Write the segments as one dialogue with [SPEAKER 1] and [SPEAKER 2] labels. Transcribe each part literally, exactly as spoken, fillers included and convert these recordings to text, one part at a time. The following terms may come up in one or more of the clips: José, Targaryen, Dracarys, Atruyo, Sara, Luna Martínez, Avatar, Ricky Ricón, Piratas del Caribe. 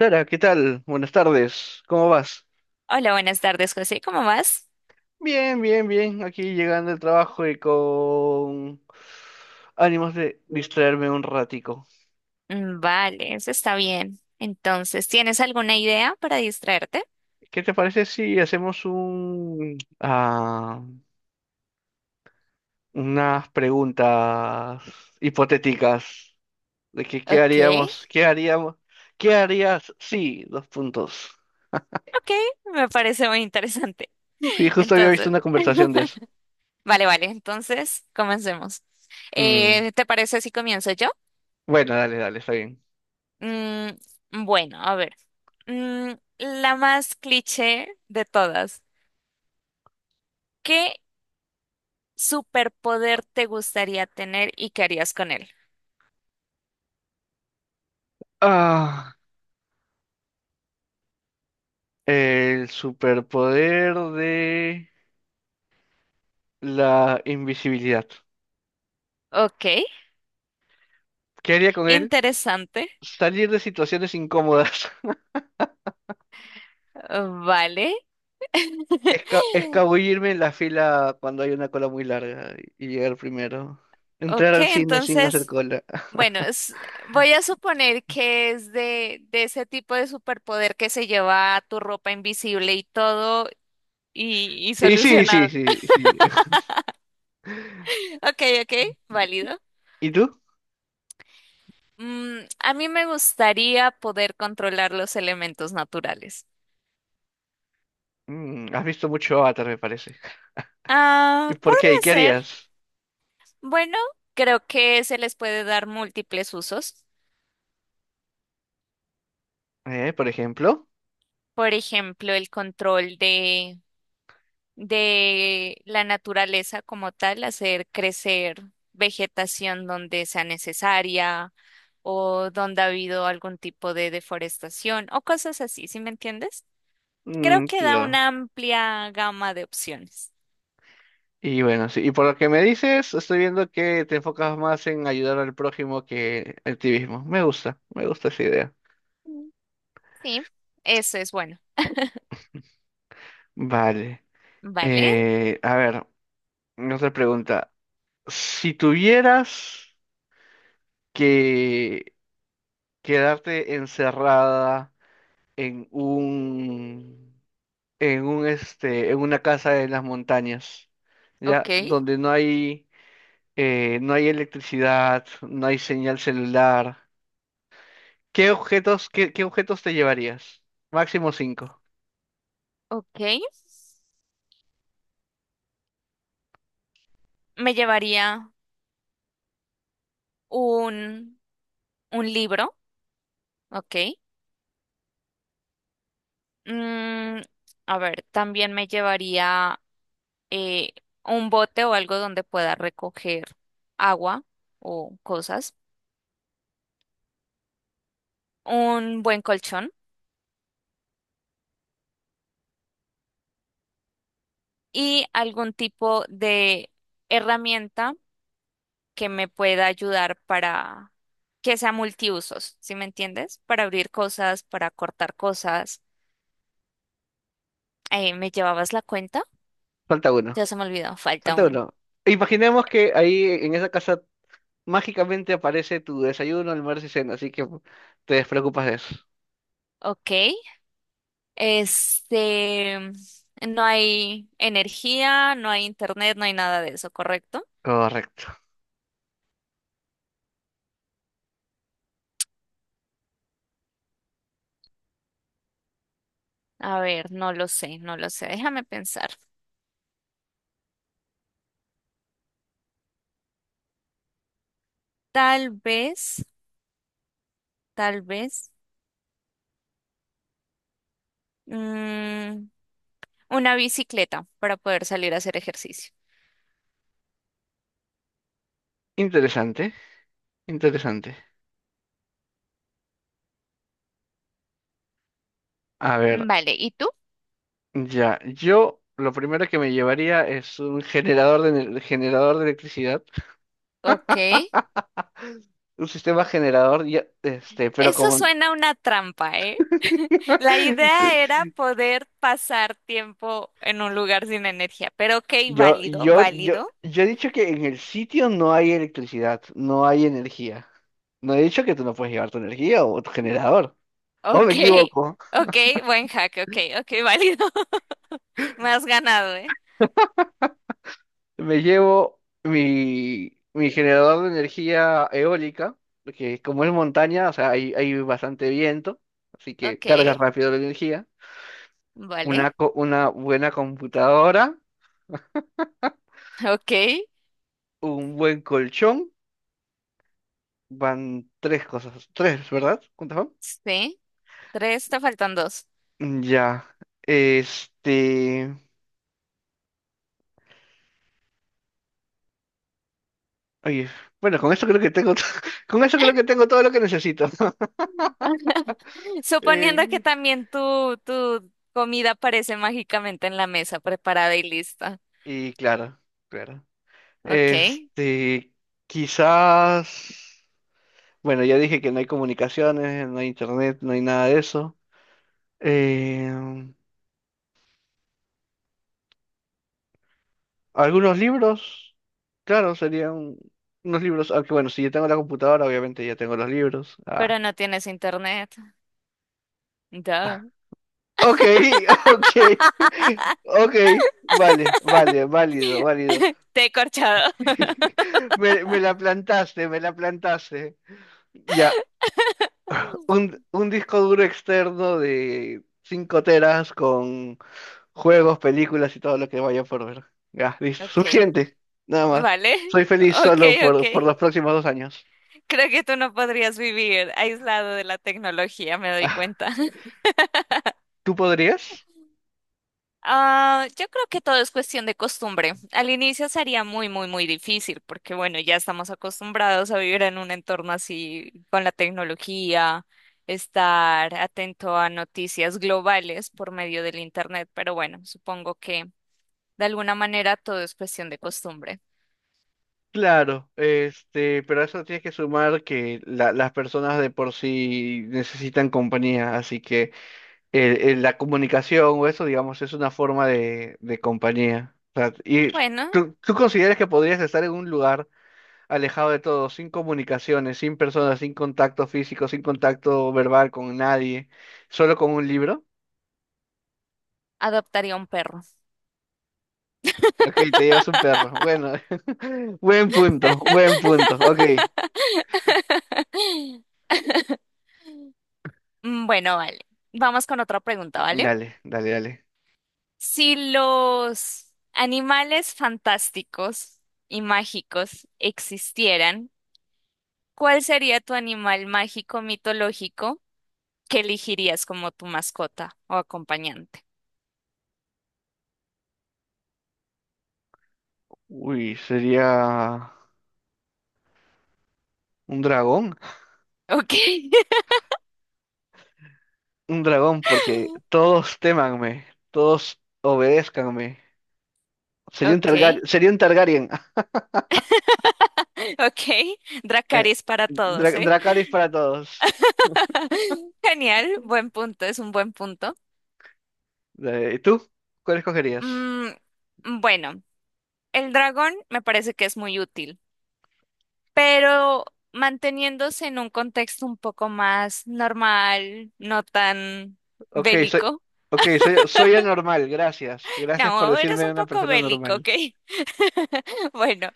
[SPEAKER 1] Sara, ¿qué tal? Buenas tardes, ¿cómo vas?
[SPEAKER 2] Hola, buenas tardes, José. ¿Cómo vas?
[SPEAKER 1] Bien, bien, bien, aquí llegando del trabajo y con ánimos de distraerme un ratico.
[SPEAKER 2] Mm, Vale, eso está bien. Entonces, ¿tienes alguna idea para distraerte?
[SPEAKER 1] ¿Qué te parece si hacemos un, ah, unas preguntas hipotéticas de que qué
[SPEAKER 2] Ok,
[SPEAKER 1] haríamos, qué haríamos, qué harías? Sí, dos puntos.
[SPEAKER 2] ok, me parece muy interesante.
[SPEAKER 1] Sí, justo había visto
[SPEAKER 2] Entonces,
[SPEAKER 1] una conversación de eso.
[SPEAKER 2] vale, vale, entonces comencemos.
[SPEAKER 1] Mm,
[SPEAKER 2] Eh, ¿te parece si comienzo yo?
[SPEAKER 1] bueno, dale, dale, está bien.
[SPEAKER 2] Mm, bueno, a ver, mm, la más cliché de todas. ¿Qué superpoder te gustaría tener y qué harías con él?
[SPEAKER 1] Ah, el superpoder de la invisibilidad.
[SPEAKER 2] Ok,
[SPEAKER 1] ¿Qué haría con él?
[SPEAKER 2] interesante,
[SPEAKER 1] Salir de situaciones incómodas.
[SPEAKER 2] vale.
[SPEAKER 1] Esca- escabullirme en la fila cuando hay una cola muy larga y llegar primero. Entrar
[SPEAKER 2] Ok,
[SPEAKER 1] al cine sin hacer
[SPEAKER 2] entonces,
[SPEAKER 1] cola.
[SPEAKER 2] bueno, es- voy a suponer que es de, de ese tipo de superpoder que se lleva tu ropa invisible y todo y, y
[SPEAKER 1] Y sí,
[SPEAKER 2] solucionado.
[SPEAKER 1] sí, sí, sí.
[SPEAKER 2] Ok, ok, válido.
[SPEAKER 1] ¿Y tú?
[SPEAKER 2] Mm, a mí me gustaría poder controlar los elementos naturales.
[SPEAKER 1] Mm, has visto mucho Avatar, me parece. ¿Y
[SPEAKER 2] Ah,
[SPEAKER 1] por qué? ¿Y
[SPEAKER 2] podría
[SPEAKER 1] qué
[SPEAKER 2] ser.
[SPEAKER 1] harías?
[SPEAKER 2] Bueno, creo que se les puede dar múltiples usos.
[SPEAKER 1] ¿Eh? ¿Por ejemplo?
[SPEAKER 2] Por ejemplo, el control de la naturaleza como tal, hacer crecer vegetación donde sea necesaria o donde ha habido algún tipo de deforestación o cosas así, ¿sí me entiendes? Creo
[SPEAKER 1] Mm,
[SPEAKER 2] que da
[SPEAKER 1] claro.
[SPEAKER 2] una amplia gama de opciones.
[SPEAKER 1] Y bueno, sí. Y por lo que me dices, estoy viendo que te enfocas más en ayudar al prójimo que el activismo. Me gusta, me gusta esa idea.
[SPEAKER 2] Mm. Sí, eso es bueno.
[SPEAKER 1] Vale.
[SPEAKER 2] Vale,
[SPEAKER 1] Eh, a ver, otra pregunta. Si tuvieras que quedarte encerrada en un, en un este, en una casa en las montañas,
[SPEAKER 2] ok,
[SPEAKER 1] ya, donde no hay, eh, no hay electricidad, no hay señal celular, ¿qué objetos, qué, qué objetos te llevarías? Máximo cinco.
[SPEAKER 2] ok. Me llevaría un, un libro, ok. Mm, a ver, también me llevaría eh, un bote o algo donde pueda recoger agua o cosas, un buen colchón y algún tipo de herramienta que me pueda ayudar para que sea multiusos, ¿sí me entiendes? Para abrir cosas, para cortar cosas. Eh, ¿me llevabas la cuenta?
[SPEAKER 1] Falta uno.
[SPEAKER 2] Ya se me olvidó, falta
[SPEAKER 1] Falta
[SPEAKER 2] un.
[SPEAKER 1] uno. Imaginemos que ahí en esa casa mágicamente aparece tu desayuno, almuerzo y cena, así que te despreocupas de eso.
[SPEAKER 2] Ok, este, no hay energía, no hay internet, no hay nada de eso, ¿correcto?
[SPEAKER 1] Correcto.
[SPEAKER 2] A ver, no lo sé, no lo sé. Déjame pensar. Tal vez, tal vez, mm, una bicicleta para poder salir a hacer ejercicio.
[SPEAKER 1] Interesante, interesante. A ver,
[SPEAKER 2] Vale, ¿y tú?
[SPEAKER 1] ya, yo lo primero que me llevaría es un generador de, ener- generador de electricidad,
[SPEAKER 2] Ok.
[SPEAKER 1] un sistema generador, ya, este, pero
[SPEAKER 2] Eso
[SPEAKER 1] como
[SPEAKER 2] suena a una trampa, ¿eh? La
[SPEAKER 1] te-
[SPEAKER 2] idea era poder pasar tiempo en un lugar sin energía, pero ok,
[SPEAKER 1] yo,
[SPEAKER 2] válido,
[SPEAKER 1] yo, yo,
[SPEAKER 2] válido.
[SPEAKER 1] yo he dicho que en el sitio no hay electricidad, no hay energía. No he dicho que tú no puedes llevar tu energía o tu generador. ¿O me
[SPEAKER 2] Ok,
[SPEAKER 1] equivoco?
[SPEAKER 2] ok, buen hack, ok, ok, válido. Me has ganado, ¿eh?
[SPEAKER 1] Me llevo mi, mi generador de energía eólica, porque como es montaña, o sea, hay, hay bastante viento, así que
[SPEAKER 2] Ok,
[SPEAKER 1] cargas rápido la energía.
[SPEAKER 2] vale,
[SPEAKER 1] Una, co- una buena computadora,
[SPEAKER 2] ok,
[SPEAKER 1] un buen colchón, van tres cosas, tres, ¿verdad? ¿Cuántas van?
[SPEAKER 2] sí. Tres, te faltan dos.
[SPEAKER 1] Mm, Ya, este, oye, bueno, con eso creo que tengo, to- con eso creo que tengo todo lo que necesito.
[SPEAKER 2] Suponiendo que
[SPEAKER 1] Eh,
[SPEAKER 2] también tu, tu comida aparece mágicamente en la mesa, preparada y lista.
[SPEAKER 1] y claro, claro.
[SPEAKER 2] Ok,
[SPEAKER 1] Este, quizás. Bueno, ya dije que no hay comunicaciones, no hay internet, no hay nada de eso. Eh, Algunos libros, claro, serían unos libros, aunque bueno, si yo tengo la computadora, obviamente ya tengo los libros.
[SPEAKER 2] pero
[SPEAKER 1] Ah.
[SPEAKER 2] no tienes internet.
[SPEAKER 1] Ah.
[SPEAKER 2] Duh.
[SPEAKER 1] Ok, ok, ok, vale, vale, válido, válido.
[SPEAKER 2] Te he corchado.
[SPEAKER 1] Me, me la plantaste, me la plantaste. Ya, un, un disco duro externo de cinco teras con juegos, películas y todo lo que vaya por ver. Ya, listo.
[SPEAKER 2] Ok,
[SPEAKER 1] Suficiente. Nada más.
[SPEAKER 2] vale.
[SPEAKER 1] Soy feliz
[SPEAKER 2] Ok,
[SPEAKER 1] solo
[SPEAKER 2] ok.
[SPEAKER 1] por, por los próximos dos años.
[SPEAKER 2] Creo que tú no podrías vivir aislado de la tecnología, me doy
[SPEAKER 1] Ah,
[SPEAKER 2] cuenta.
[SPEAKER 1] ¿tú podrías?
[SPEAKER 2] Ah, yo creo que todo es cuestión de costumbre. Al inicio sería muy, muy, muy difícil porque, bueno, ya estamos acostumbrados a vivir en un entorno así con la tecnología, estar atento a noticias globales por medio del Internet, pero bueno, supongo que de alguna manera todo es cuestión de costumbre.
[SPEAKER 1] Claro, este, pero a eso tienes que sumar que la- las personas de por sí necesitan compañía, así que el- el- la comunicación o eso, digamos, es una forma de, de compañía. O sea, y
[SPEAKER 2] Bueno,
[SPEAKER 1] tú, tú consideras que podrías estar en un lugar alejado de todo, sin comunicaciones, sin personas, sin contacto físico, sin contacto verbal con nadie, solo con un libro.
[SPEAKER 2] adoptaría un perro.
[SPEAKER 1] Ok, te llevas un perro. Bueno, buen punto, buen punto. Ok,
[SPEAKER 2] Bueno, vale. Vamos con otra pregunta, ¿vale?
[SPEAKER 1] dale, dale, dale.
[SPEAKER 2] Si los animales fantásticos y mágicos existieran, ¿cuál sería tu animal mágico mitológico que elegirías como tu mascota o acompañante?
[SPEAKER 1] Uy, sería un dragón.
[SPEAKER 2] Ok,
[SPEAKER 1] Un dragón porque todos témanme, todos obedézcanme. Sería un
[SPEAKER 2] ok,
[SPEAKER 1] Targaryen, sería un Targaryen.
[SPEAKER 2] ok.
[SPEAKER 1] Eh,
[SPEAKER 2] Dracarys para todos,
[SPEAKER 1] Dra-
[SPEAKER 2] ¿eh?
[SPEAKER 1] Dracarys para todos.
[SPEAKER 2] Genial, buen punto, es un buen punto.
[SPEAKER 1] Eh, ¿Y tú? ¿Cuál escogerías?
[SPEAKER 2] Mm, bueno, el dragón me parece que es muy útil. Pero manteniéndose en un contexto un poco más normal, no tan
[SPEAKER 1] Ok, soy,
[SPEAKER 2] bélico.
[SPEAKER 1] okay, soy, soy anormal, gracias. Gracias por
[SPEAKER 2] No, eres
[SPEAKER 1] decirme
[SPEAKER 2] un
[SPEAKER 1] una
[SPEAKER 2] poco
[SPEAKER 1] persona
[SPEAKER 2] bélico,
[SPEAKER 1] normal.
[SPEAKER 2] ¿ok? Bueno,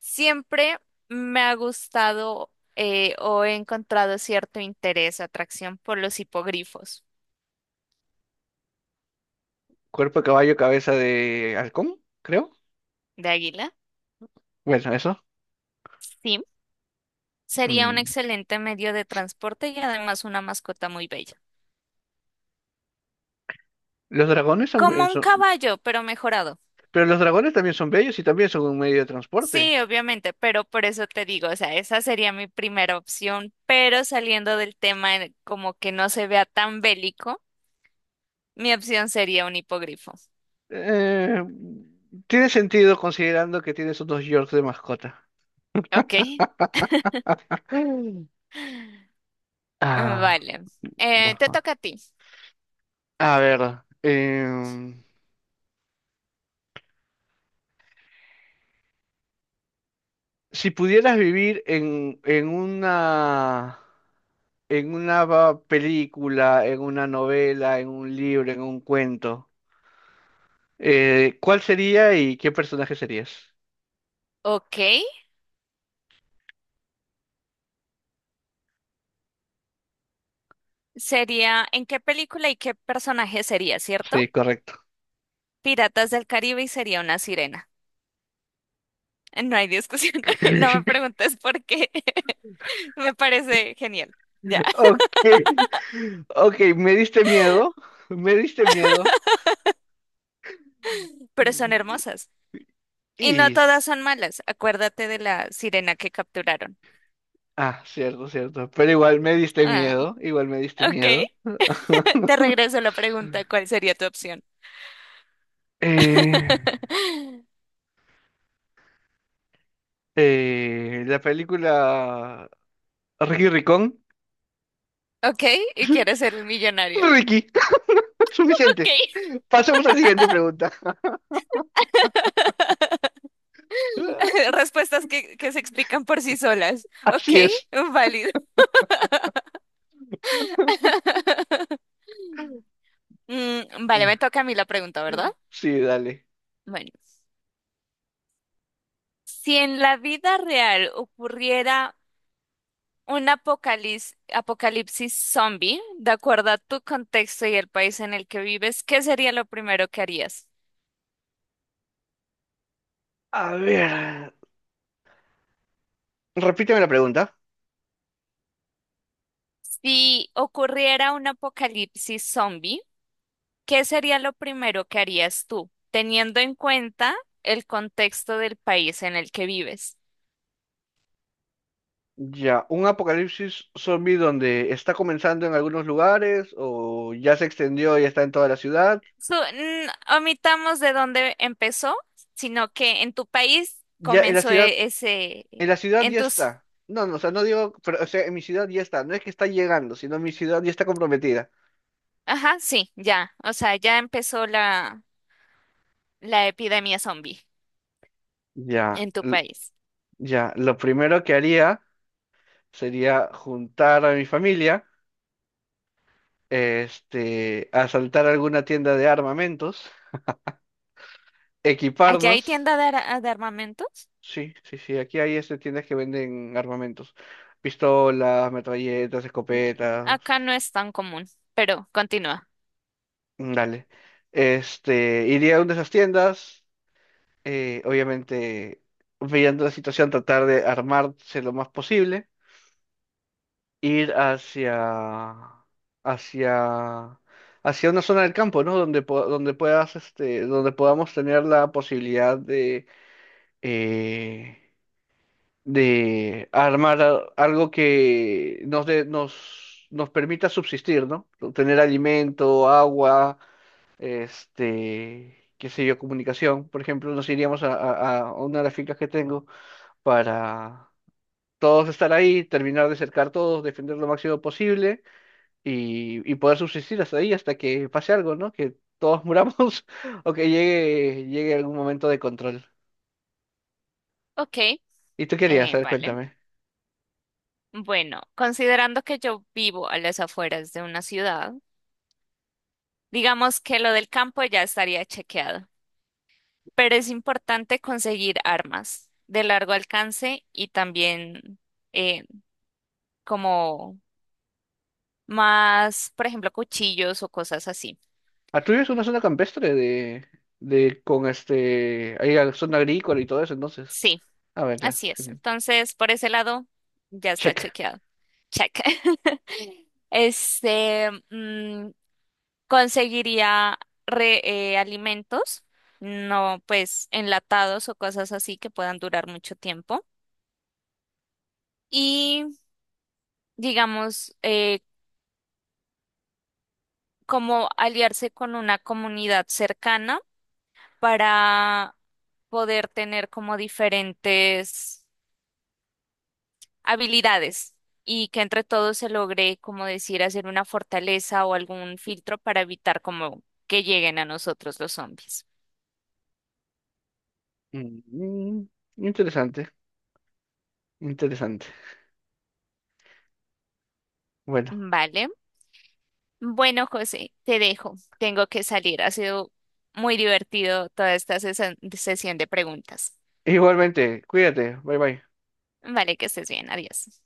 [SPEAKER 2] siempre me ha gustado eh, o he encontrado cierto interés, atracción por los hipogrifos
[SPEAKER 1] Cuerpo de caballo, cabeza de halcón, creo.
[SPEAKER 2] de águila.
[SPEAKER 1] Bueno, eso.
[SPEAKER 2] Sí, sería un
[SPEAKER 1] Mm.
[SPEAKER 2] excelente medio de transporte y además una mascota muy bella.
[SPEAKER 1] Los dragones son,
[SPEAKER 2] Como
[SPEAKER 1] eh,
[SPEAKER 2] un
[SPEAKER 1] son-
[SPEAKER 2] caballo, pero mejorado.
[SPEAKER 1] Pero los dragones también son bellos y también son un medio de transporte.
[SPEAKER 2] Sí, obviamente, pero por eso te digo, o sea, esa sería mi primera opción, pero saliendo del tema en- como que no se vea tan bélico, mi opción sería un hipogrifo.
[SPEAKER 1] Eh, Tiene sentido considerando que tienes unos Yorks de mascota.
[SPEAKER 2] ¿Ok?
[SPEAKER 1] Mm.
[SPEAKER 2] Mm,
[SPEAKER 1] Ah,
[SPEAKER 2] Vale. Eh, te
[SPEAKER 1] bueno.
[SPEAKER 2] toca a ti.
[SPEAKER 1] A ver, em, si pudieras vivir en, en una... en una va- película, en una novela, en un libro, en un cuento, eh, ¿cuál sería y qué personaje serías?
[SPEAKER 2] Ok. Sería, ¿en qué película y qué personaje sería, cierto?
[SPEAKER 1] Sí, correcto.
[SPEAKER 2] Piratas del Caribe y sería una sirena. No hay discusión. No me preguntes por qué. Me parece genial. Ya.
[SPEAKER 1] Ok, ok, me diste miedo, me diste miedo.
[SPEAKER 2] Pero son hermosas. Y no
[SPEAKER 1] Y...
[SPEAKER 2] todas son malas. Acuérdate de la sirena que capturaron.
[SPEAKER 1] Ah, cierto, cierto. Pero igual me diste
[SPEAKER 2] Ah,
[SPEAKER 1] miedo, igual me diste
[SPEAKER 2] ok.
[SPEAKER 1] miedo.
[SPEAKER 2] Te regreso la pregunta, ¿cuál sería tu opción?
[SPEAKER 1] Eh, eh, la película Ricky Ricón.
[SPEAKER 2] Ok, y quieres ser el millonario.
[SPEAKER 1] Ricky, suficiente.
[SPEAKER 2] Ok.
[SPEAKER 1] Pasemos a la siguiente pregunta.
[SPEAKER 2] Respuestas que, que se explican por sí solas. Ok,
[SPEAKER 1] Así es.
[SPEAKER 2] válido. Mm, vale, me toca a mí la pregunta, ¿verdad?
[SPEAKER 1] Sí, dale.
[SPEAKER 2] Bueno, si en la vida real ocurriera un apocalipsis, apocalipsis zombie, de acuerdo a tu contexto y el país en el que vives, ¿qué sería lo primero que harías?
[SPEAKER 1] A ver, repíteme la pregunta.
[SPEAKER 2] Si ocurriera un apocalipsis zombie, ¿qué sería lo primero que harías tú, teniendo en cuenta el contexto del país en el que vives?
[SPEAKER 1] Ya, ¿un apocalipsis zombie donde está comenzando en algunos lugares o ya se extendió y está en toda la ciudad?
[SPEAKER 2] Su- n- omitamos de dónde empezó, sino que en tu país
[SPEAKER 1] Ya, en la
[SPEAKER 2] comenzó
[SPEAKER 1] ciudad,
[SPEAKER 2] e- ese,
[SPEAKER 1] en la ciudad
[SPEAKER 2] en
[SPEAKER 1] ya
[SPEAKER 2] tus,
[SPEAKER 1] está. No, no, o sea, no digo, pero, o sea, en mi ciudad ya está. No es que está llegando, sino mi ciudad ya está comprometida.
[SPEAKER 2] ajá, sí, ya, o sea, ya empezó la, la epidemia zombie
[SPEAKER 1] Ya,
[SPEAKER 2] en tu
[SPEAKER 1] l-
[SPEAKER 2] país.
[SPEAKER 1] ya, lo primero que haría sería juntar a mi familia, este, asaltar alguna tienda de armamentos,
[SPEAKER 2] ¿Allá hay
[SPEAKER 1] equiparnos.
[SPEAKER 2] tienda de, ar- de armamentos?
[SPEAKER 1] Sí, sí, sí. Aquí hay este, tiendas que venden armamentos. Pistolas, metralletas, escopetas.
[SPEAKER 2] Acá no es tan común, pero continúa.
[SPEAKER 1] Mm, dale. Este, iría a una de esas tiendas. Eh, obviamente, viendo la situación, tratar de armarse lo más posible. Ir hacia, hacia, hacia una zona del campo, ¿no? Donde, po- donde puedas, este, donde podamos tener la posibilidad de, eh, de armar a- algo que nos, dé- nos, nos permita subsistir, ¿no? Tener alimento, agua, este, qué sé yo, comunicación. Por ejemplo, nos iríamos a, a- a una de las fincas que tengo para todos estar ahí, terminar de cercar todos, defender lo máximo posible y, y poder subsistir hasta ahí, hasta que pase algo, ¿no? Que todos muramos o que llegue, llegue algún momento de control.
[SPEAKER 2] Ok,
[SPEAKER 1] ¿Y tú querías?
[SPEAKER 2] eh,
[SPEAKER 1] A ver,
[SPEAKER 2] vale.
[SPEAKER 1] cuéntame.
[SPEAKER 2] Bueno, considerando que yo vivo a las afueras de una ciudad, digamos que lo del campo ya estaría chequeado, pero es importante conseguir armas de largo alcance y también eh, como más, por ejemplo, cuchillos o cosas así.
[SPEAKER 1] Atruyo es una zona campestre de, de con este, hay la zona agrícola y todo eso, entonces.
[SPEAKER 2] Sí,
[SPEAKER 1] A ver, ya,
[SPEAKER 2] así es.
[SPEAKER 1] genial.
[SPEAKER 2] Entonces, por ese lado, ya está
[SPEAKER 1] Check.
[SPEAKER 2] chequeado. Check. Este, mm, conseguiría re- eh, alimentos, no pues enlatados o cosas así que puedan durar mucho tiempo. Y digamos, eh, como aliarse con una comunidad cercana para poder tener como diferentes habilidades y que entre todos se logre, como decir, hacer una fortaleza o algún filtro para evitar como que lleguen a nosotros los zombies.
[SPEAKER 1] Mm, mm, interesante, interesante. Bueno,
[SPEAKER 2] Vale. Bueno, José, te dejo. Tengo que salir. Ha sido muy divertido toda esta sesa- sesión de preguntas.
[SPEAKER 1] igualmente, cuídate, bye bye.
[SPEAKER 2] Vale, que estés bien. Adiós.